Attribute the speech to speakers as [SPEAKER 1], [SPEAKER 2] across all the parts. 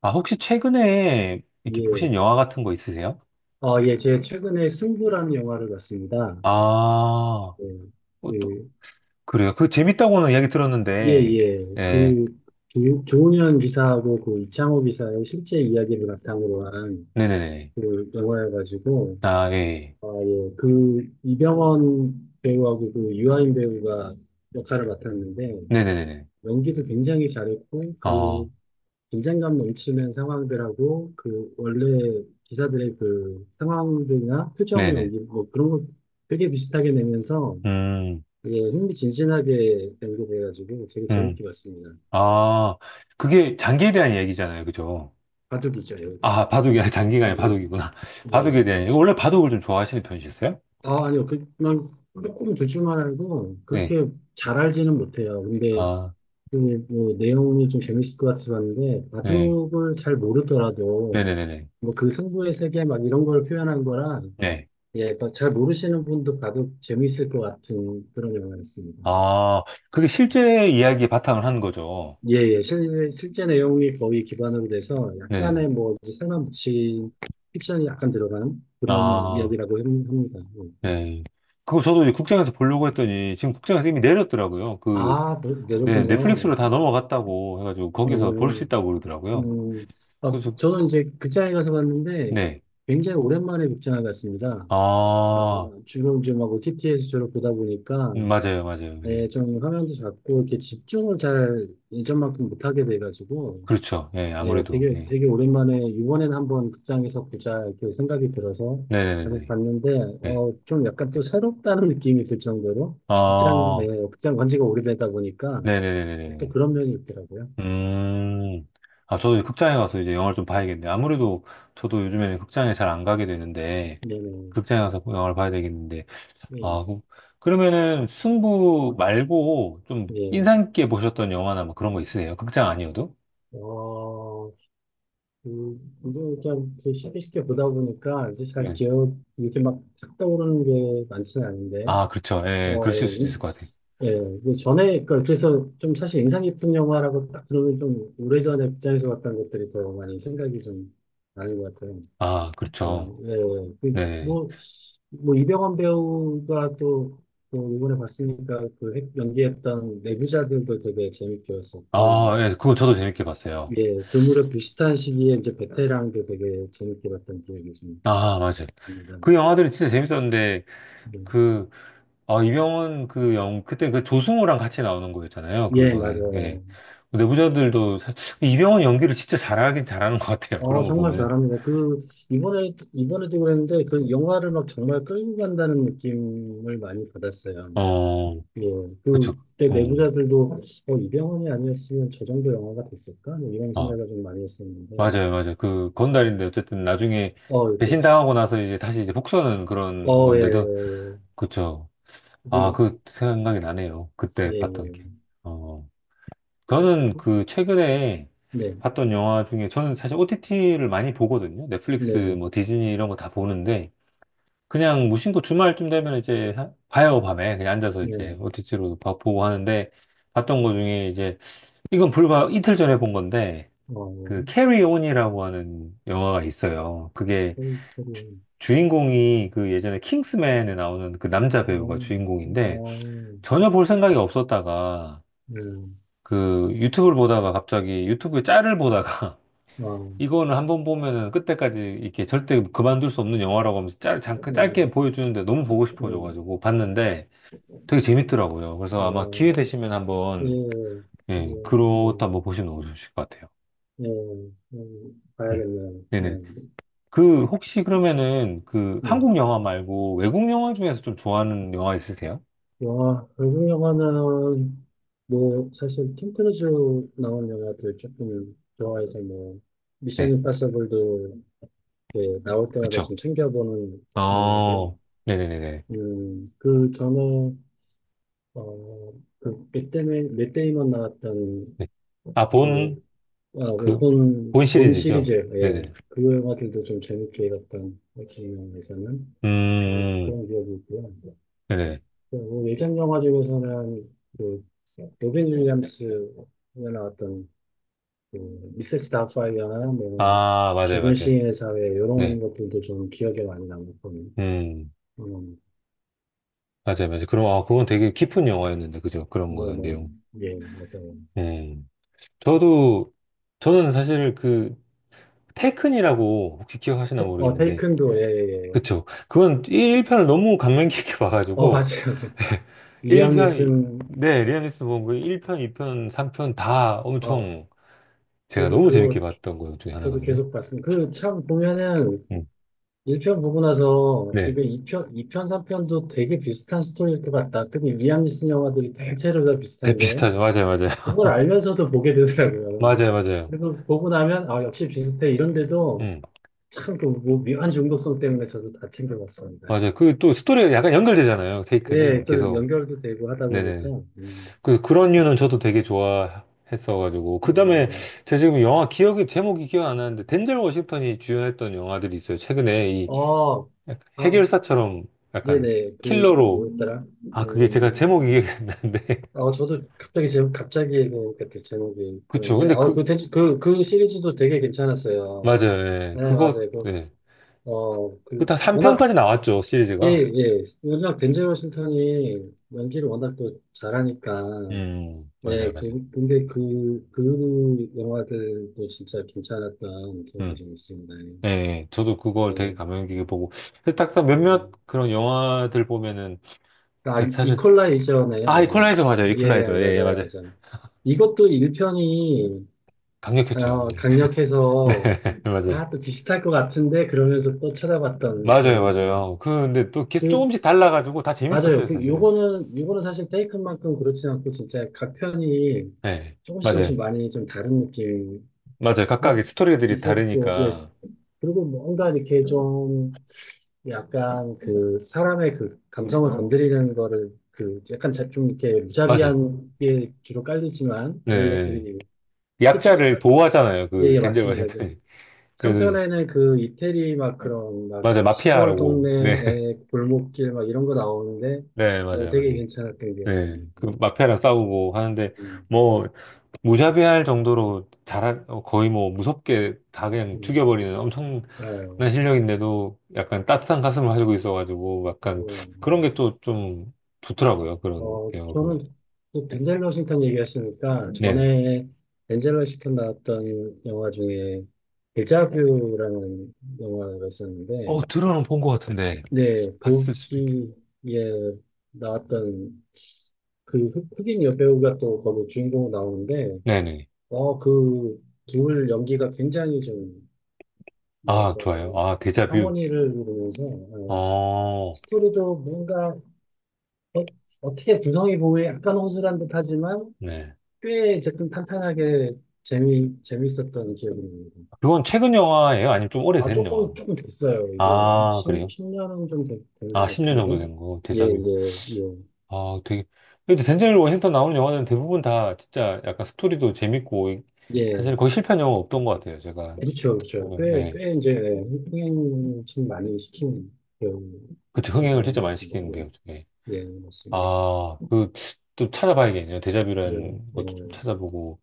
[SPEAKER 1] 아, 혹시 최근에 이렇게 보신
[SPEAKER 2] 예.
[SPEAKER 1] 영화 같은 거 있으세요?
[SPEAKER 2] 예, 제가 최근에 승부라는 영화를 봤습니다.
[SPEAKER 1] 아,
[SPEAKER 2] 예,
[SPEAKER 1] 어, 또,
[SPEAKER 2] 그,
[SPEAKER 1] 그래요. 그 재밌다고는 이야기
[SPEAKER 2] 예,
[SPEAKER 1] 들었는데,
[SPEAKER 2] 예.
[SPEAKER 1] 예,
[SPEAKER 2] 조은현 기사하고 그 이창호 기사의 실제 이야기를 바탕으로 한
[SPEAKER 1] 네네네.
[SPEAKER 2] 그 영화여가지고,
[SPEAKER 1] 아, 예, 예.
[SPEAKER 2] 예. 이병헌 배우하고 그 유아인 배우가 역할을 맡았는데,
[SPEAKER 1] 네네네네.
[SPEAKER 2] 연기도 굉장히 잘했고,
[SPEAKER 1] 어,
[SPEAKER 2] 긴장감 넘치는 상황들하고, 원래 기사들의 그 상황들이나 표정
[SPEAKER 1] 네네.
[SPEAKER 2] 연기, 뭐 그런 거 되게 비슷하게 내면서
[SPEAKER 1] 음,
[SPEAKER 2] 되게 흥미진진하게 연구돼가지고 되게
[SPEAKER 1] 음.
[SPEAKER 2] 재밌게 봤습니다.
[SPEAKER 1] 아, 그게 장기에 대한 이야기잖아요. 그죠?
[SPEAKER 2] 바둑이죠, 여기 바둑.
[SPEAKER 1] 아, 바둑이, 아니, 장기가 아니라
[SPEAKER 2] 예.
[SPEAKER 1] 바둑이구나. 바둑에
[SPEAKER 2] 예.
[SPEAKER 1] 대한, 이야기. 원래 바둑을 좀 좋아하시는 편이셨어요?
[SPEAKER 2] 아, 아니요. 그, 냥 조금 대줄만 알고
[SPEAKER 1] 네.
[SPEAKER 2] 그렇게 잘 알지는 못해요. 근데
[SPEAKER 1] 아,
[SPEAKER 2] 그, 뭐, 내용이 좀 재밌을 것 같아서 봤는데
[SPEAKER 1] 네.
[SPEAKER 2] 바둑을 잘 모르더라도
[SPEAKER 1] 네네네네.
[SPEAKER 2] 뭐 그 승부의 세계 막 이런 걸 표현한 거라
[SPEAKER 1] 네.
[SPEAKER 2] 예, 그러니까 잘 모르시는 분도 바둑 재밌을 것 같은 그런 영화였습니다.
[SPEAKER 1] 아, 그게 실제 이야기에 바탕을 한 거죠.
[SPEAKER 2] 예, 예. 실, 실제 내용이 거의 기반으로 돼서
[SPEAKER 1] 네.
[SPEAKER 2] 약간의 뭐 이제 사람 붙인 픽션이 약간 들어간 그런
[SPEAKER 1] 아.
[SPEAKER 2] 이야기라고 합니다. 예.
[SPEAKER 1] 네. 그거 저도 이제 국장에서 보려고 했더니 지금 국장에서 이미 내렸더라고요. 그,
[SPEAKER 2] 아,
[SPEAKER 1] 네,
[SPEAKER 2] 내렸군요.
[SPEAKER 1] 넷플릭스로 다 넘어갔다고 해가지고 거기서 볼 수
[SPEAKER 2] 음,
[SPEAKER 1] 있다고 그러더라고요.
[SPEAKER 2] 음. 아,
[SPEAKER 1] 그래서,
[SPEAKER 2] 저는 이제 극장에 가서 봤는데
[SPEAKER 1] 네.
[SPEAKER 2] 굉장히 오랜만에 극장에 갔습니다. 아,
[SPEAKER 1] 아,
[SPEAKER 2] 주로 이제 막 OTT에서 주로 보다 보니까
[SPEAKER 1] 맞아요, 맞아요. 예.
[SPEAKER 2] 예, 좀 화면도 작고 이렇게 집중을 잘 예전만큼 못하게 돼가지고
[SPEAKER 1] 그렇죠. 예,
[SPEAKER 2] 네,
[SPEAKER 1] 아무래도.
[SPEAKER 2] 되게,
[SPEAKER 1] 예.
[SPEAKER 2] 되게 오랜만에 이번엔 한번 극장에서 보자 이렇게 생각이 들어서 계속
[SPEAKER 1] 네네네네.
[SPEAKER 2] 봤는데
[SPEAKER 1] 네.
[SPEAKER 2] 좀 약간 또 새롭다는 느낌이 들 정도로 극장, 네,
[SPEAKER 1] 아,
[SPEAKER 2] 극장 간 지가 오래되다 보니까 또
[SPEAKER 1] 네네네네네.
[SPEAKER 2] 그런 면이 있더라고요.
[SPEAKER 1] 음. 아, 저도 이제 극장에 가서 이제 영화를 좀 봐야겠네. 아무래도 저도 요즘에는 극장에 잘 안 가게 되는데,
[SPEAKER 2] 네네.
[SPEAKER 1] 극장에 가서 영화를 봐야 되겠는데,
[SPEAKER 2] 네,
[SPEAKER 1] 아, 그러면은 승부 말고 좀
[SPEAKER 2] 네.
[SPEAKER 1] 인상 깊게 보셨던 영화나 뭐 그런 거 있으세요? 극장 아니어도?
[SPEAKER 2] 어, 그, 이거 그냥 이렇게 쉽게 쉽게 보다 보니까 이제 잘
[SPEAKER 1] 예.
[SPEAKER 2] 기억, 이렇게 막탁 떠오르는 게 많지는 않은데
[SPEAKER 1] 아, 그렇죠. 예,
[SPEAKER 2] 어,
[SPEAKER 1] 그러실 수도 있을 것 같아요.
[SPEAKER 2] 예, 예, 그 전에, 그래서 좀 사실 인상 깊은 영화라고 딱 그러면 좀 오래전에 극장에서 봤던 것들이 더 많이 생각이 좀 나는 것 같아요.
[SPEAKER 1] 아, 그렇죠.
[SPEAKER 2] 예, 예.
[SPEAKER 1] 네.
[SPEAKER 2] 뭐, 이병헌 배우가 또, 또 이번에 봤으니까 그 연기했던 내부자들도 되게 재밌게
[SPEAKER 1] 아,
[SPEAKER 2] 봤었고,
[SPEAKER 1] 예, 그거 저도 재밌게 봤어요.
[SPEAKER 2] 예, 그 무렵 비슷한 시기에 이제 베테랑도 되게 재밌게 봤던 기억이 좀
[SPEAKER 1] 아, 맞아요.
[SPEAKER 2] 납니다.
[SPEAKER 1] 그 영화들은 진짜 재밌었는데,
[SPEAKER 2] 음.
[SPEAKER 1] 그, 아, 이병헌 그 영, 그때 그 조승우랑 같이 나오는 거였잖아요.
[SPEAKER 2] 예,
[SPEAKER 1] 그거는, 예.
[SPEAKER 2] 맞아요.
[SPEAKER 1] 내부자들도, 이병헌 연기를 진짜 잘하긴 잘하는 것 같아요. 그런
[SPEAKER 2] 어,
[SPEAKER 1] 거
[SPEAKER 2] 정말
[SPEAKER 1] 보면은.
[SPEAKER 2] 잘합니다. 이번에도 그랬는데, 그 영화를 막 정말 끌고 간다는 느낌을 많이 받았어요.
[SPEAKER 1] 어,
[SPEAKER 2] 예.
[SPEAKER 1] 그렇죠.
[SPEAKER 2] 그, 그때
[SPEAKER 1] 음.
[SPEAKER 2] 내부자들도, 이병헌이 아니었으면 저 정도 영화가 됐을까? 뭐 이런
[SPEAKER 1] 아.
[SPEAKER 2] 생각을 좀 많이 했었는데,
[SPEAKER 1] 맞아요, 맞아요. 그 건달인데 어쨌든 나중에
[SPEAKER 2] 어, 그렇 지
[SPEAKER 1] 배신당하고 나서 이제 다시 이제 복수하는 그런
[SPEAKER 2] 어, 예,
[SPEAKER 1] 건데도 그쵸. 아,
[SPEAKER 2] 그,
[SPEAKER 1] 그 생각이 나네요.
[SPEAKER 2] 예,
[SPEAKER 1] 그때 봤던 게.
[SPEAKER 2] 예.
[SPEAKER 1] 어, 저는 그 최근에
[SPEAKER 2] 네,
[SPEAKER 1] 봤던 영화 중에 저는 사실 OTT를 많이 보거든요. 넷플릭스,
[SPEAKER 2] 네,
[SPEAKER 1] 뭐 디즈니 이런 거 다 보는데 그냥 무심코 주말쯤 되면 이제 봐요, 밤에. 그냥 앉아서 이제
[SPEAKER 2] 네.
[SPEAKER 1] OTT로 보고 하는데 봤던 거 중에 이제 이건 불과 이틀 전에 본 건데
[SPEAKER 2] 어,
[SPEAKER 1] 그 캐리 온이라고 하는 영화가 있어요. 그게
[SPEAKER 2] 저기, 저기,
[SPEAKER 1] 인공이그 예전에 킹스맨에 나오는 그 남자
[SPEAKER 2] 어,
[SPEAKER 1] 배우가 주인공인데
[SPEAKER 2] 어,
[SPEAKER 1] 전혀 볼 생각이 없었다가
[SPEAKER 2] 네,
[SPEAKER 1] 그 유튜브를 보다가 갑자기 유튜브에 짤을 보다가
[SPEAKER 2] 어,
[SPEAKER 1] 이거는 한번 보면은 끝때까지 이렇게 절대 그만둘 수 없는 영화라고 하면서 짤, 잠깐
[SPEAKER 2] 네,
[SPEAKER 1] 짧게 보여주는데 너무 보고
[SPEAKER 2] 네,
[SPEAKER 1] 싶어져가지고 봤는데 되게 재밌더라고요. 그래서 아마
[SPEAKER 2] 어,
[SPEAKER 1] 기회 되시면
[SPEAKER 2] 예,
[SPEAKER 1] 한번
[SPEAKER 2] 그리
[SPEAKER 1] 예,
[SPEAKER 2] 고
[SPEAKER 1] 그렇다 한번 보시면 좋으실 것 같아요.
[SPEAKER 2] 예,
[SPEAKER 1] 음.
[SPEAKER 2] 봐야겠네요. 네,
[SPEAKER 1] 네네. 그 혹시 그러면은 그
[SPEAKER 2] 예.
[SPEAKER 1] 한국 영화 말고 외국 영화 중에서 좀 좋아하는 영화 있으세요?
[SPEAKER 2] 영화, 외국 영화는, 뭐, 사실, 톰 크루즈 나온 영화들 조금 좋아해서, 뭐, 미션
[SPEAKER 1] 네,
[SPEAKER 2] 임파서블도, 예, 나올 때마다
[SPEAKER 1] 그쵸.
[SPEAKER 2] 좀 챙겨보는
[SPEAKER 1] 아,
[SPEAKER 2] 영화고,
[SPEAKER 1] 네네네네.
[SPEAKER 2] 그 전에, 어, 맷 데이먼 나왔던,
[SPEAKER 1] 네. 아, 본,
[SPEAKER 2] 그, 아, 그
[SPEAKER 1] 그,
[SPEAKER 2] 본,
[SPEAKER 1] 본
[SPEAKER 2] 본
[SPEAKER 1] 시리즈죠?
[SPEAKER 2] 시리즈, 예.
[SPEAKER 1] 네네.
[SPEAKER 2] 그 영화들도 좀 재밌게 봤던, 역시 영화에서는, 그런
[SPEAKER 1] 음,
[SPEAKER 2] 기억이 있고요.
[SPEAKER 1] 네네.
[SPEAKER 2] 그 예전 영화 중에서는 그 로빈 윌리엄스가 나왔던 그 미세스 다우파이어나 뭐
[SPEAKER 1] 아, 맞아요,
[SPEAKER 2] 죽은
[SPEAKER 1] 맞아요.
[SPEAKER 2] 시인의 사회 이런
[SPEAKER 1] 네.
[SPEAKER 2] 것들도 좀 기억에 많이 남고
[SPEAKER 1] 음,
[SPEAKER 2] 음,
[SPEAKER 1] 맞아요, 맞아요. 그럼, 아, 그건 되게 깊은 영화였는데, 그죠? 그런 거는 내용.
[SPEAKER 2] 뭐뭐예 맞아요.
[SPEAKER 1] 음. 저도, 저는 사실 그, 테큰이라고 혹시 기억하시나
[SPEAKER 2] 테- 어
[SPEAKER 1] 모르겠는데,
[SPEAKER 2] 테이큰도 예예예.
[SPEAKER 1] 그쵸. 그건 1편을 너무 감명 깊게
[SPEAKER 2] 어
[SPEAKER 1] 봐가지고,
[SPEAKER 2] 맞아요. 리암
[SPEAKER 1] 1편,
[SPEAKER 2] 니슨.
[SPEAKER 1] 네, 리아니스 본그 일편 2편, 3편 다
[SPEAKER 2] 어
[SPEAKER 1] 엄청 제가
[SPEAKER 2] 저도
[SPEAKER 1] 너무 재밌게
[SPEAKER 2] 그거
[SPEAKER 1] 봤던 것 중에
[SPEAKER 2] 저도
[SPEAKER 1] 하나거든요.
[SPEAKER 2] 계속 봤습니다. 그 참 보면은
[SPEAKER 1] 음.
[SPEAKER 2] 1편 보고 나서
[SPEAKER 1] 네.
[SPEAKER 2] 이거 2편, 3편도 되게 비슷한 스토리일 것 같다. 특히 리암 니슨 영화들이 대체로 다 비슷한데
[SPEAKER 1] 대피스타죠. 맞아요, 맞아요.
[SPEAKER 2] 그걸 알면서도 보게 되더라고요.
[SPEAKER 1] 맞아요, 맞아요.
[SPEAKER 2] 그리고 보고 나면 아 역시 비슷해 이런데도
[SPEAKER 1] 음,
[SPEAKER 2] 참그뭐 묘한 중독성 때문에 저도 다 챙겨봤습니다.
[SPEAKER 1] 맞아요. 그 또 스토리가 약간 연결되잖아요. 테이크는
[SPEAKER 2] 네, 또
[SPEAKER 1] 계속.
[SPEAKER 2] 연결도 되고 하다 보니까
[SPEAKER 1] 네네.
[SPEAKER 2] 음,
[SPEAKER 1] 그래서 그런 이유는 저도 되게 좋아했어가지고. 그 다음에 제가 지금 영화 기억이, 제목이 기억 안 나는데, 덴젤 워싱턴이 주연했던 영화들이 있어요. 최근에 이
[SPEAKER 2] 어, 어,
[SPEAKER 1] 약간
[SPEAKER 2] 아,
[SPEAKER 1] 해결사처럼 약간
[SPEAKER 2] 네네 그 그
[SPEAKER 1] 킬러로.
[SPEAKER 2] 뭐였더라?
[SPEAKER 1] 아, 그게 제가
[SPEAKER 2] 음,
[SPEAKER 1] 제목이 기억이 안 나는데.
[SPEAKER 2] 저도 갑자기 제목, 갑자기 그 그 제목이
[SPEAKER 1] 그쵸.
[SPEAKER 2] 그런데,
[SPEAKER 1] 근데 그,
[SPEAKER 2] 대, 그 시리즈도 되게 괜찮았어요.
[SPEAKER 1] 맞아요. 예.
[SPEAKER 2] 네, 맞아요.
[SPEAKER 1] 그거, 예. 그다
[SPEAKER 2] 워낙,
[SPEAKER 1] 3편까지 나왔죠,
[SPEAKER 2] 예,
[SPEAKER 1] 시리즈가.
[SPEAKER 2] 예. 워낙 덴젤 워싱턴이 연기를 워낙 또 잘하니까, 예,
[SPEAKER 1] 맞아요, 맞아요.
[SPEAKER 2] 근데 그 영화들도 진짜 괜찮았던 기억이
[SPEAKER 1] 음,
[SPEAKER 2] 좀 있습니다.
[SPEAKER 1] 예, 예. 저도 그걸
[SPEAKER 2] 예.
[SPEAKER 1] 되게
[SPEAKER 2] 예.
[SPEAKER 1] 감명 깊게 보고. 그래서 딱, 딱 몇몇
[SPEAKER 2] 음.
[SPEAKER 1] 그런 영화들 보면은,
[SPEAKER 2] 아,
[SPEAKER 1] 저 사실, 아,
[SPEAKER 2] 이퀄라이저네요.
[SPEAKER 1] 이퀄라이저 맞아요,
[SPEAKER 2] 예, 예, 예,
[SPEAKER 1] 이퀄라이저. 예, 예,
[SPEAKER 2] 맞아요,
[SPEAKER 1] 맞아요.
[SPEAKER 2] 맞아요. 이것도 1편이
[SPEAKER 1] 강력했죠. 예.
[SPEAKER 2] 강력해서
[SPEAKER 1] 네, 맞아요.
[SPEAKER 2] 아, 또 비슷할 것 같은데, 그러면서 또 찾아봤던
[SPEAKER 1] 맞아요,
[SPEAKER 2] 그런 영화.
[SPEAKER 1] 맞아요. 그, 근데 또 계속
[SPEAKER 2] 그,
[SPEAKER 1] 조금씩 달라가지고 다
[SPEAKER 2] 맞아요.
[SPEAKER 1] 재밌었어요, 사실은.
[SPEAKER 2] 요거는 사실 테이큰만큼 그렇진 않고, 진짜 각 편이
[SPEAKER 1] 예,
[SPEAKER 2] 조금씩 조금씩
[SPEAKER 1] 맞아요.
[SPEAKER 2] 많이 좀 다른 느낌이
[SPEAKER 1] 맞아요. 각각의 스토리들이
[SPEAKER 2] 있었고, 예.
[SPEAKER 1] 다르니까.
[SPEAKER 2] 그리고 뭔가 이렇게 좀, 약간 사람의 그 감성을 건드리는 거를, 약간 좀 이렇게
[SPEAKER 1] 맞아요.
[SPEAKER 2] 무자비한 게 주로 깔리지만,
[SPEAKER 1] 네.
[SPEAKER 2] 그런
[SPEAKER 1] 네, 네.
[SPEAKER 2] 것들이, 특히 최근,
[SPEAKER 1] 약자를
[SPEAKER 2] 사-
[SPEAKER 1] 보호하잖아요,
[SPEAKER 2] 예,
[SPEAKER 1] 그,
[SPEAKER 2] 예,
[SPEAKER 1] 덴젤
[SPEAKER 2] 맞습니다. 그
[SPEAKER 1] 워싱턴이. 그래서
[SPEAKER 2] 3편에는 그 이태리 막 그런 막
[SPEAKER 1] 맞아요.
[SPEAKER 2] 시골
[SPEAKER 1] 마피아라고. 네.
[SPEAKER 2] 동네의 골목길 막 이런 거 나오는데
[SPEAKER 1] 네,
[SPEAKER 2] 뭐
[SPEAKER 1] 맞아요.
[SPEAKER 2] 되게
[SPEAKER 1] 맞아요.
[SPEAKER 2] 괜찮았던 기억이 나요
[SPEAKER 1] 네. 그
[SPEAKER 2] 데
[SPEAKER 1] 마피아랑 싸우고 하는데
[SPEAKER 2] 음,
[SPEAKER 1] 뭐 무자비할 정도로 잘 거의 뭐 무섭게 다 그냥
[SPEAKER 2] 음,
[SPEAKER 1] 죽여버리는 엄청난
[SPEAKER 2] 알아요.
[SPEAKER 1] 실력인데도 약간 따뜻한 가슴을 가지고 있어가지고 약간
[SPEAKER 2] 그리고,
[SPEAKER 1] 그런 게 또 좀 좋더라고요. 그런 내용을 보면.
[SPEAKER 2] 저는 또 덴젤 워싱턴 얘기하시니까
[SPEAKER 1] 네네.
[SPEAKER 2] 전에 덴젤 워싱턴 나왔던 영화 중에 데자뷰라는 영화가
[SPEAKER 1] 어,
[SPEAKER 2] 있었는데
[SPEAKER 1] 들어는 본 것 같은데
[SPEAKER 2] 네,
[SPEAKER 1] 봤을 수도 있겠.
[SPEAKER 2] 거기에 나왔던 그 흑인 여배우가 또 거기 주인공 나오는데
[SPEAKER 1] 네네.
[SPEAKER 2] 어, 그, 둘 연기가 굉장히 좀,
[SPEAKER 1] 아,
[SPEAKER 2] 뭐랄까,
[SPEAKER 1] 좋아요.
[SPEAKER 2] 좀,
[SPEAKER 1] 아, 데자뷰.
[SPEAKER 2] 하모니를 이루면서,
[SPEAKER 1] 어,
[SPEAKER 2] 스토리도 뭔가, 어, 어떻게 구성이 보기에 약간 허술한 듯 하지만,
[SPEAKER 1] 네.
[SPEAKER 2] 꽤 조금 탄탄하게 재미, 재밌었던 기억이 납니다.
[SPEAKER 1] 그건 최근 영화예요? 아니면 좀
[SPEAKER 2] 아,
[SPEAKER 1] 오래된 영화?
[SPEAKER 2] 조금, 조금 됐어요. 이거, 한
[SPEAKER 1] 아,
[SPEAKER 2] 10,
[SPEAKER 1] 그래요?
[SPEAKER 2] 년은 좀 된,
[SPEAKER 1] 아,
[SPEAKER 2] 된것
[SPEAKER 1] 10년 정도
[SPEAKER 2] 같은데.
[SPEAKER 1] 된 거,
[SPEAKER 2] 예,
[SPEAKER 1] 데자뷰.
[SPEAKER 2] 예, 예.
[SPEAKER 1] 아, 되게. 근데 덴젤 워싱턴 나오는 영화는 대부분 다 진짜 약간 스토리도 재밌고, 이-
[SPEAKER 2] 예,
[SPEAKER 1] 사실 거의 실패한 영화 없던 것 같아요, 제가
[SPEAKER 2] 그렇죠, 그렇죠.
[SPEAKER 1] 보면.
[SPEAKER 2] 꽤,
[SPEAKER 1] 네.
[SPEAKER 2] 꽤 이제, 흥행 좀 많이 시키는 배우에
[SPEAKER 1] 그때 흥행을
[SPEAKER 2] 들어간
[SPEAKER 1] 진짜
[SPEAKER 2] 것
[SPEAKER 1] 많이
[SPEAKER 2] 같습니다.
[SPEAKER 1] 시키는 배우 중에.
[SPEAKER 2] 예, 예, 맞습니다.
[SPEAKER 1] 아, 그, 또 찾아봐야겠네요.
[SPEAKER 2] 예,
[SPEAKER 1] 데자뷰라는
[SPEAKER 2] 예,
[SPEAKER 1] 것도 좀 찾아보고.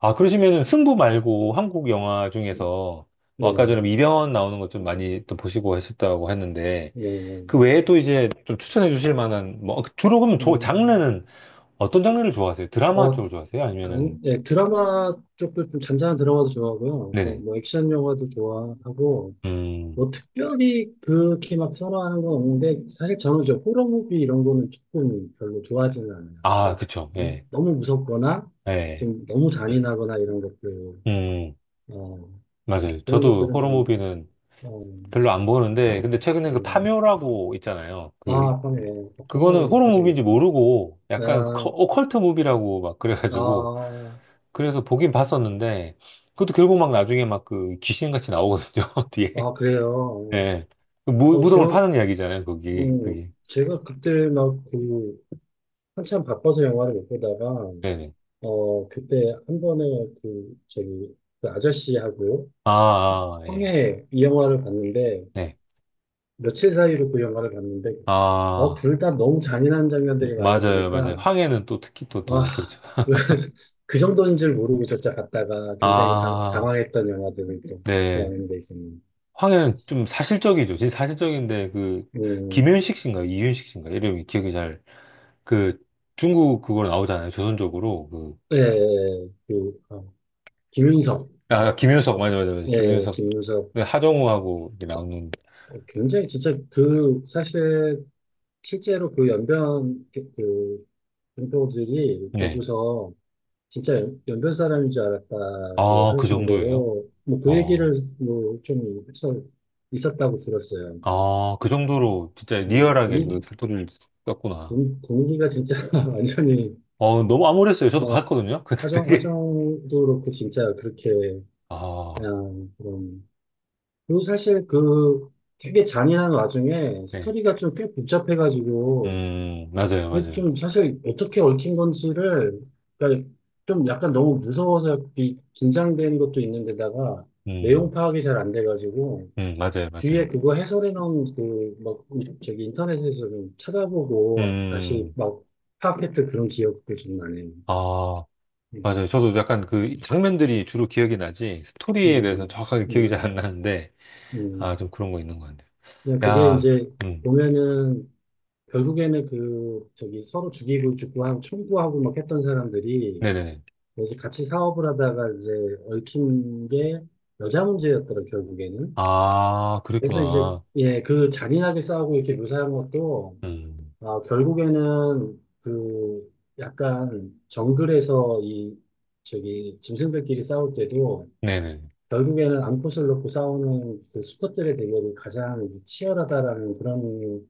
[SPEAKER 1] 아, 그러시면은 승부 말고 한국 영화 중에서, 뭐
[SPEAKER 2] 예,
[SPEAKER 1] 아까 전에 뭐 이병헌 나오는 것 좀 많이 또 보시고 하셨다고 했는데,
[SPEAKER 2] 예, 예.
[SPEAKER 1] 그 외에 또 이제 좀 추천해 주실 만한, 뭐, 주로 그러면 저
[SPEAKER 2] 음,
[SPEAKER 1] 장르는 어떤 장르를 좋아하세요? 드라마
[SPEAKER 2] 어,
[SPEAKER 1] 쪽을 좋아하세요?
[SPEAKER 2] 당,
[SPEAKER 1] 아니면은,
[SPEAKER 2] 예, 드라마 쪽도 좀 잔잔한 드라마도 좋아하고요. 또
[SPEAKER 1] 네네.
[SPEAKER 2] 뭐, 액션 영화도 좋아하고,
[SPEAKER 1] 음,
[SPEAKER 2] 뭐, 특별히 그렇게 막 선호하는 건 없는데, 사실 저는 이제 호러 무비 이런 거는 조금 별로 좋아하지는 않아요.
[SPEAKER 1] 아,
[SPEAKER 2] 그러니까,
[SPEAKER 1] 그쵸. 예,
[SPEAKER 2] 너무 무섭거나,
[SPEAKER 1] 예.
[SPEAKER 2] 좀 너무 잔인하거나 이런 것들,
[SPEAKER 1] 음,
[SPEAKER 2] 어,
[SPEAKER 1] 맞아요.
[SPEAKER 2] 그런
[SPEAKER 1] 저도
[SPEAKER 2] 것들은
[SPEAKER 1] 호러
[SPEAKER 2] 좀,
[SPEAKER 1] 무비는
[SPEAKER 2] 어,
[SPEAKER 1] 별로 안 보는데, 근데 최근에
[SPEAKER 2] 예.
[SPEAKER 1] 그 파묘라고 있잖아요.
[SPEAKER 2] 아,
[SPEAKER 1] 그,
[SPEAKER 2] 아까네.
[SPEAKER 1] 그거는
[SPEAKER 2] 아까네로
[SPEAKER 1] 호러
[SPEAKER 2] 아직
[SPEAKER 1] 무비인지
[SPEAKER 2] 있다네.
[SPEAKER 1] 모르고, 약간 그
[SPEAKER 2] 아,
[SPEAKER 1] 오컬트 무비라고 막 그래가지고,
[SPEAKER 2] 아,
[SPEAKER 1] 그래서 보긴 봤었는데, 그것도 결국 막 나중에 막 그 귀신같이 나오거든요, 뒤에.
[SPEAKER 2] 아, 그래요.
[SPEAKER 1] 예. 그 무,
[SPEAKER 2] 어,
[SPEAKER 1] 무덤을
[SPEAKER 2] 저,
[SPEAKER 1] 파는 이야기잖아요, 거기.
[SPEAKER 2] 음,
[SPEAKER 1] 그게.
[SPEAKER 2] 제가 그때 막 한참 바빠서 영화를 못 보다가,
[SPEAKER 1] 네네.
[SPEAKER 2] 그때 한 번에 저기, 그 아저씨하고
[SPEAKER 1] 아, 아, 예.
[SPEAKER 2] 형의 이 영화를 봤는데,
[SPEAKER 1] 네.
[SPEAKER 2] 며칠 사이로 그 영화를 봤는데,
[SPEAKER 1] 아.
[SPEAKER 2] 둘 다 너무 잔인한 장면들이 많이
[SPEAKER 1] 맞아요, 맞아요.
[SPEAKER 2] 나오니까,
[SPEAKER 1] 황해는 또 특히 또 더, 그렇죠.
[SPEAKER 2] 아, 그래서 그 정도인 줄 모르고 저자 갔다가 굉장히 당,
[SPEAKER 1] 아,
[SPEAKER 2] 당황했던 영화들을 또
[SPEAKER 1] 네.
[SPEAKER 2] 그런 데 있었네요.
[SPEAKER 1] 황해는 좀 사실적이죠. 진짜 사실적인데, 그,
[SPEAKER 2] 음,
[SPEAKER 1] 김윤식 씨인가, 이윤식 씨인가, 이름이 기억이 잘, 그, 중국 그걸 나오잖아요. 조선족으로. 그,
[SPEAKER 2] 예, 예, 예. 어, 김윤석,
[SPEAKER 1] 아, 김윤석, 맞아, 맞아, 맞아.
[SPEAKER 2] 예,
[SPEAKER 1] 김윤석.
[SPEAKER 2] 김윤석.
[SPEAKER 1] 네, 하정우하고 이렇게 나오는,
[SPEAKER 2] 어, 굉장히 진짜 그 사실 실제로 그 연변 그, 그 분포들이
[SPEAKER 1] 네.
[SPEAKER 2] 보고서 진짜 변 사람인 줄 알았다고
[SPEAKER 1] 아,
[SPEAKER 2] 할
[SPEAKER 1] 그 정도예요?
[SPEAKER 2] 정도로 뭐 그
[SPEAKER 1] 아,
[SPEAKER 2] 얘기를 뭐 좀 해서 있었다고 들었어요.
[SPEAKER 1] 아, 그 정도로 진짜 리얼하게 그
[SPEAKER 2] 분위,
[SPEAKER 1] 사투리를 썼구나.
[SPEAKER 2] 분위기가 진짜 완전히
[SPEAKER 1] 어, 너무 암울했어요. 저도
[SPEAKER 2] 어,
[SPEAKER 1] 봤거든요. 근데 되게,
[SPEAKER 2] 하정도 그렇고 진짜 그렇게
[SPEAKER 1] 아,
[SPEAKER 2] 그냥 그런 그리고 사실 그 되게 잔인한 와중에
[SPEAKER 1] 네.
[SPEAKER 2] 스토리가 좀 꽤 복잡해가지고
[SPEAKER 1] 맞아요,
[SPEAKER 2] 그게
[SPEAKER 1] 맞아요.
[SPEAKER 2] 좀 사실 어떻게 얽힌 건지를 그러니까 좀 약간 너무 무서워서 긴장되는 것도 있는데다가 내용
[SPEAKER 1] 음,
[SPEAKER 2] 파악이 잘 안 돼가지고
[SPEAKER 1] 맞아요,
[SPEAKER 2] 뒤에
[SPEAKER 1] 맞아요.
[SPEAKER 2] 그거 해설해 놓은 그막 저기 인터넷에서 좀 찾아보고 다시
[SPEAKER 1] 음,
[SPEAKER 2] 막 파악했던 그런 기억도 좀 나네요.
[SPEAKER 1] 아,
[SPEAKER 2] 음,
[SPEAKER 1] 맞아요. 저도 약간 그 장면들이 주로 기억이 나지, 스토리에 대해서는
[SPEAKER 2] 음,
[SPEAKER 1] 정확하게 기억이 잘 안
[SPEAKER 2] 음,
[SPEAKER 1] 나는데, 아,
[SPEAKER 2] 음.
[SPEAKER 1] 좀 그런 거 있는 것 같네요.
[SPEAKER 2] 그냥 그게
[SPEAKER 1] 야,
[SPEAKER 2] 이제
[SPEAKER 1] 음,
[SPEAKER 2] 보면은 결국에는 그 저기 서로 죽이고 죽고 하고 청구하고 막 했던 사람들이
[SPEAKER 1] 네네네.
[SPEAKER 2] 이제 같이 사업을 하다가 이제 얽힌 게 여자 문제였더라, 결국에는.
[SPEAKER 1] 아,
[SPEAKER 2] 그래서 이제,
[SPEAKER 1] 그랬구나.
[SPEAKER 2] 예, 그 잔인하게 싸우고 이렇게 묘사한 것도,
[SPEAKER 1] 음,
[SPEAKER 2] 아, 결국에는 그 약간 정글에서 이, 저기, 짐승들끼리 싸울 때도
[SPEAKER 1] 네네.
[SPEAKER 2] 결국에는 암컷을 놓고 싸우는 그 수컷들의 대결이 가장 치열하다라는 그런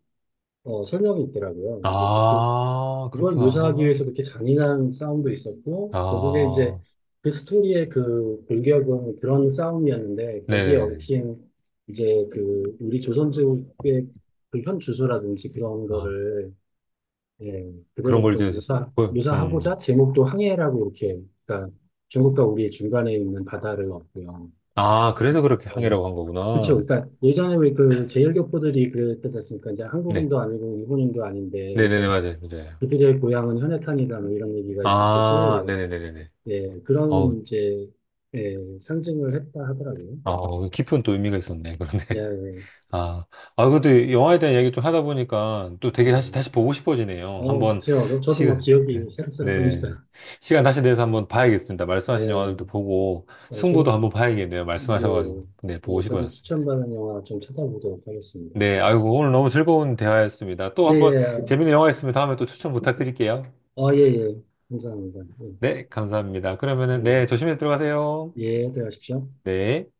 [SPEAKER 2] 설명이 있더라고요. 그래서 이제
[SPEAKER 1] 아,
[SPEAKER 2] 그걸
[SPEAKER 1] 그렇구나.
[SPEAKER 2] 묘사하기 위해서 그렇게 잔인한 싸움도 있었고, 결국에 이제
[SPEAKER 1] 아,
[SPEAKER 2] 그 스토리의 그 골격은 그런 싸움이었는데, 거기에
[SPEAKER 1] 네네네.
[SPEAKER 2] 얽힌 이제 그 우리 조선족의 그 현 주소라든지 그런
[SPEAKER 1] 아,
[SPEAKER 2] 거를 예,
[SPEAKER 1] 그런
[SPEAKER 2] 그대로
[SPEAKER 1] 걸
[SPEAKER 2] 좀
[SPEAKER 1] 이제,
[SPEAKER 2] 묘사,
[SPEAKER 1] 보여- 음,
[SPEAKER 2] 묘사하고자 제목도 항해라고 이렇게, 그러니까 중국과 우리의 중간에 있는 바다를 얻고요.
[SPEAKER 1] 아, 그래서 그렇게
[SPEAKER 2] 예.
[SPEAKER 1] 항해라고 한
[SPEAKER 2] 그쵸.
[SPEAKER 1] 거구나.
[SPEAKER 2] 그러니까 예전에 왜 그 제일교포들이 그랬지 않습니까? 이제
[SPEAKER 1] 네.
[SPEAKER 2] 한국인도 아니고 일본인도 아닌데,
[SPEAKER 1] 네네네,
[SPEAKER 2] 그래서
[SPEAKER 1] 맞아요, 맞아요.
[SPEAKER 2] 그들의 고향은 현해탄이다 뭐 이런 얘기가 있었듯이
[SPEAKER 1] 아, 네네네네네.
[SPEAKER 2] 예, 그런 이제 예, 상징을 했다 하더라고요.
[SPEAKER 1] 아, 어, 깊은 또 의미가 있었네.
[SPEAKER 2] 예,
[SPEAKER 1] 그런데. 아, 아, 그래도 영화에 대한 이야기 좀 하다 보니까 또 되게 다시,
[SPEAKER 2] 예.
[SPEAKER 1] 다시 보고 싶어지네요. 한번
[SPEAKER 2] 그쵸. 저, 저도 뭐
[SPEAKER 1] 시간, 네.
[SPEAKER 2] 기억이
[SPEAKER 1] 네.
[SPEAKER 2] 새록새록합니다.
[SPEAKER 1] 시간 다시 내서 한번 봐야겠습니다. 말씀하신 영화들도
[SPEAKER 2] 예,
[SPEAKER 1] 보고,
[SPEAKER 2] 저도
[SPEAKER 1] 승부도
[SPEAKER 2] 추,
[SPEAKER 1] 한번 봐야겠네요.
[SPEAKER 2] 예,
[SPEAKER 1] 말씀하셔가지고. 네, 보고
[SPEAKER 2] 예, 저도
[SPEAKER 1] 싶어졌습니다.
[SPEAKER 2] 추천받은 영화 좀 찾아보도록 하겠습니다.
[SPEAKER 1] 네,
[SPEAKER 2] 예,
[SPEAKER 1] 아이고, 오늘 너무 즐거운 대화였습니다. 또
[SPEAKER 2] 예,
[SPEAKER 1] 한번
[SPEAKER 2] 예.
[SPEAKER 1] 재밌는 영화 있으면 다음에 또 추천 부탁드릴게요.
[SPEAKER 2] 예, 예. 감사합니다. 예,
[SPEAKER 1] 네, 감사합니다. 그러면은,
[SPEAKER 2] 예,
[SPEAKER 1] 네, 조심해서 들어가세요.
[SPEAKER 2] 예, 들어가십시오.
[SPEAKER 1] 네.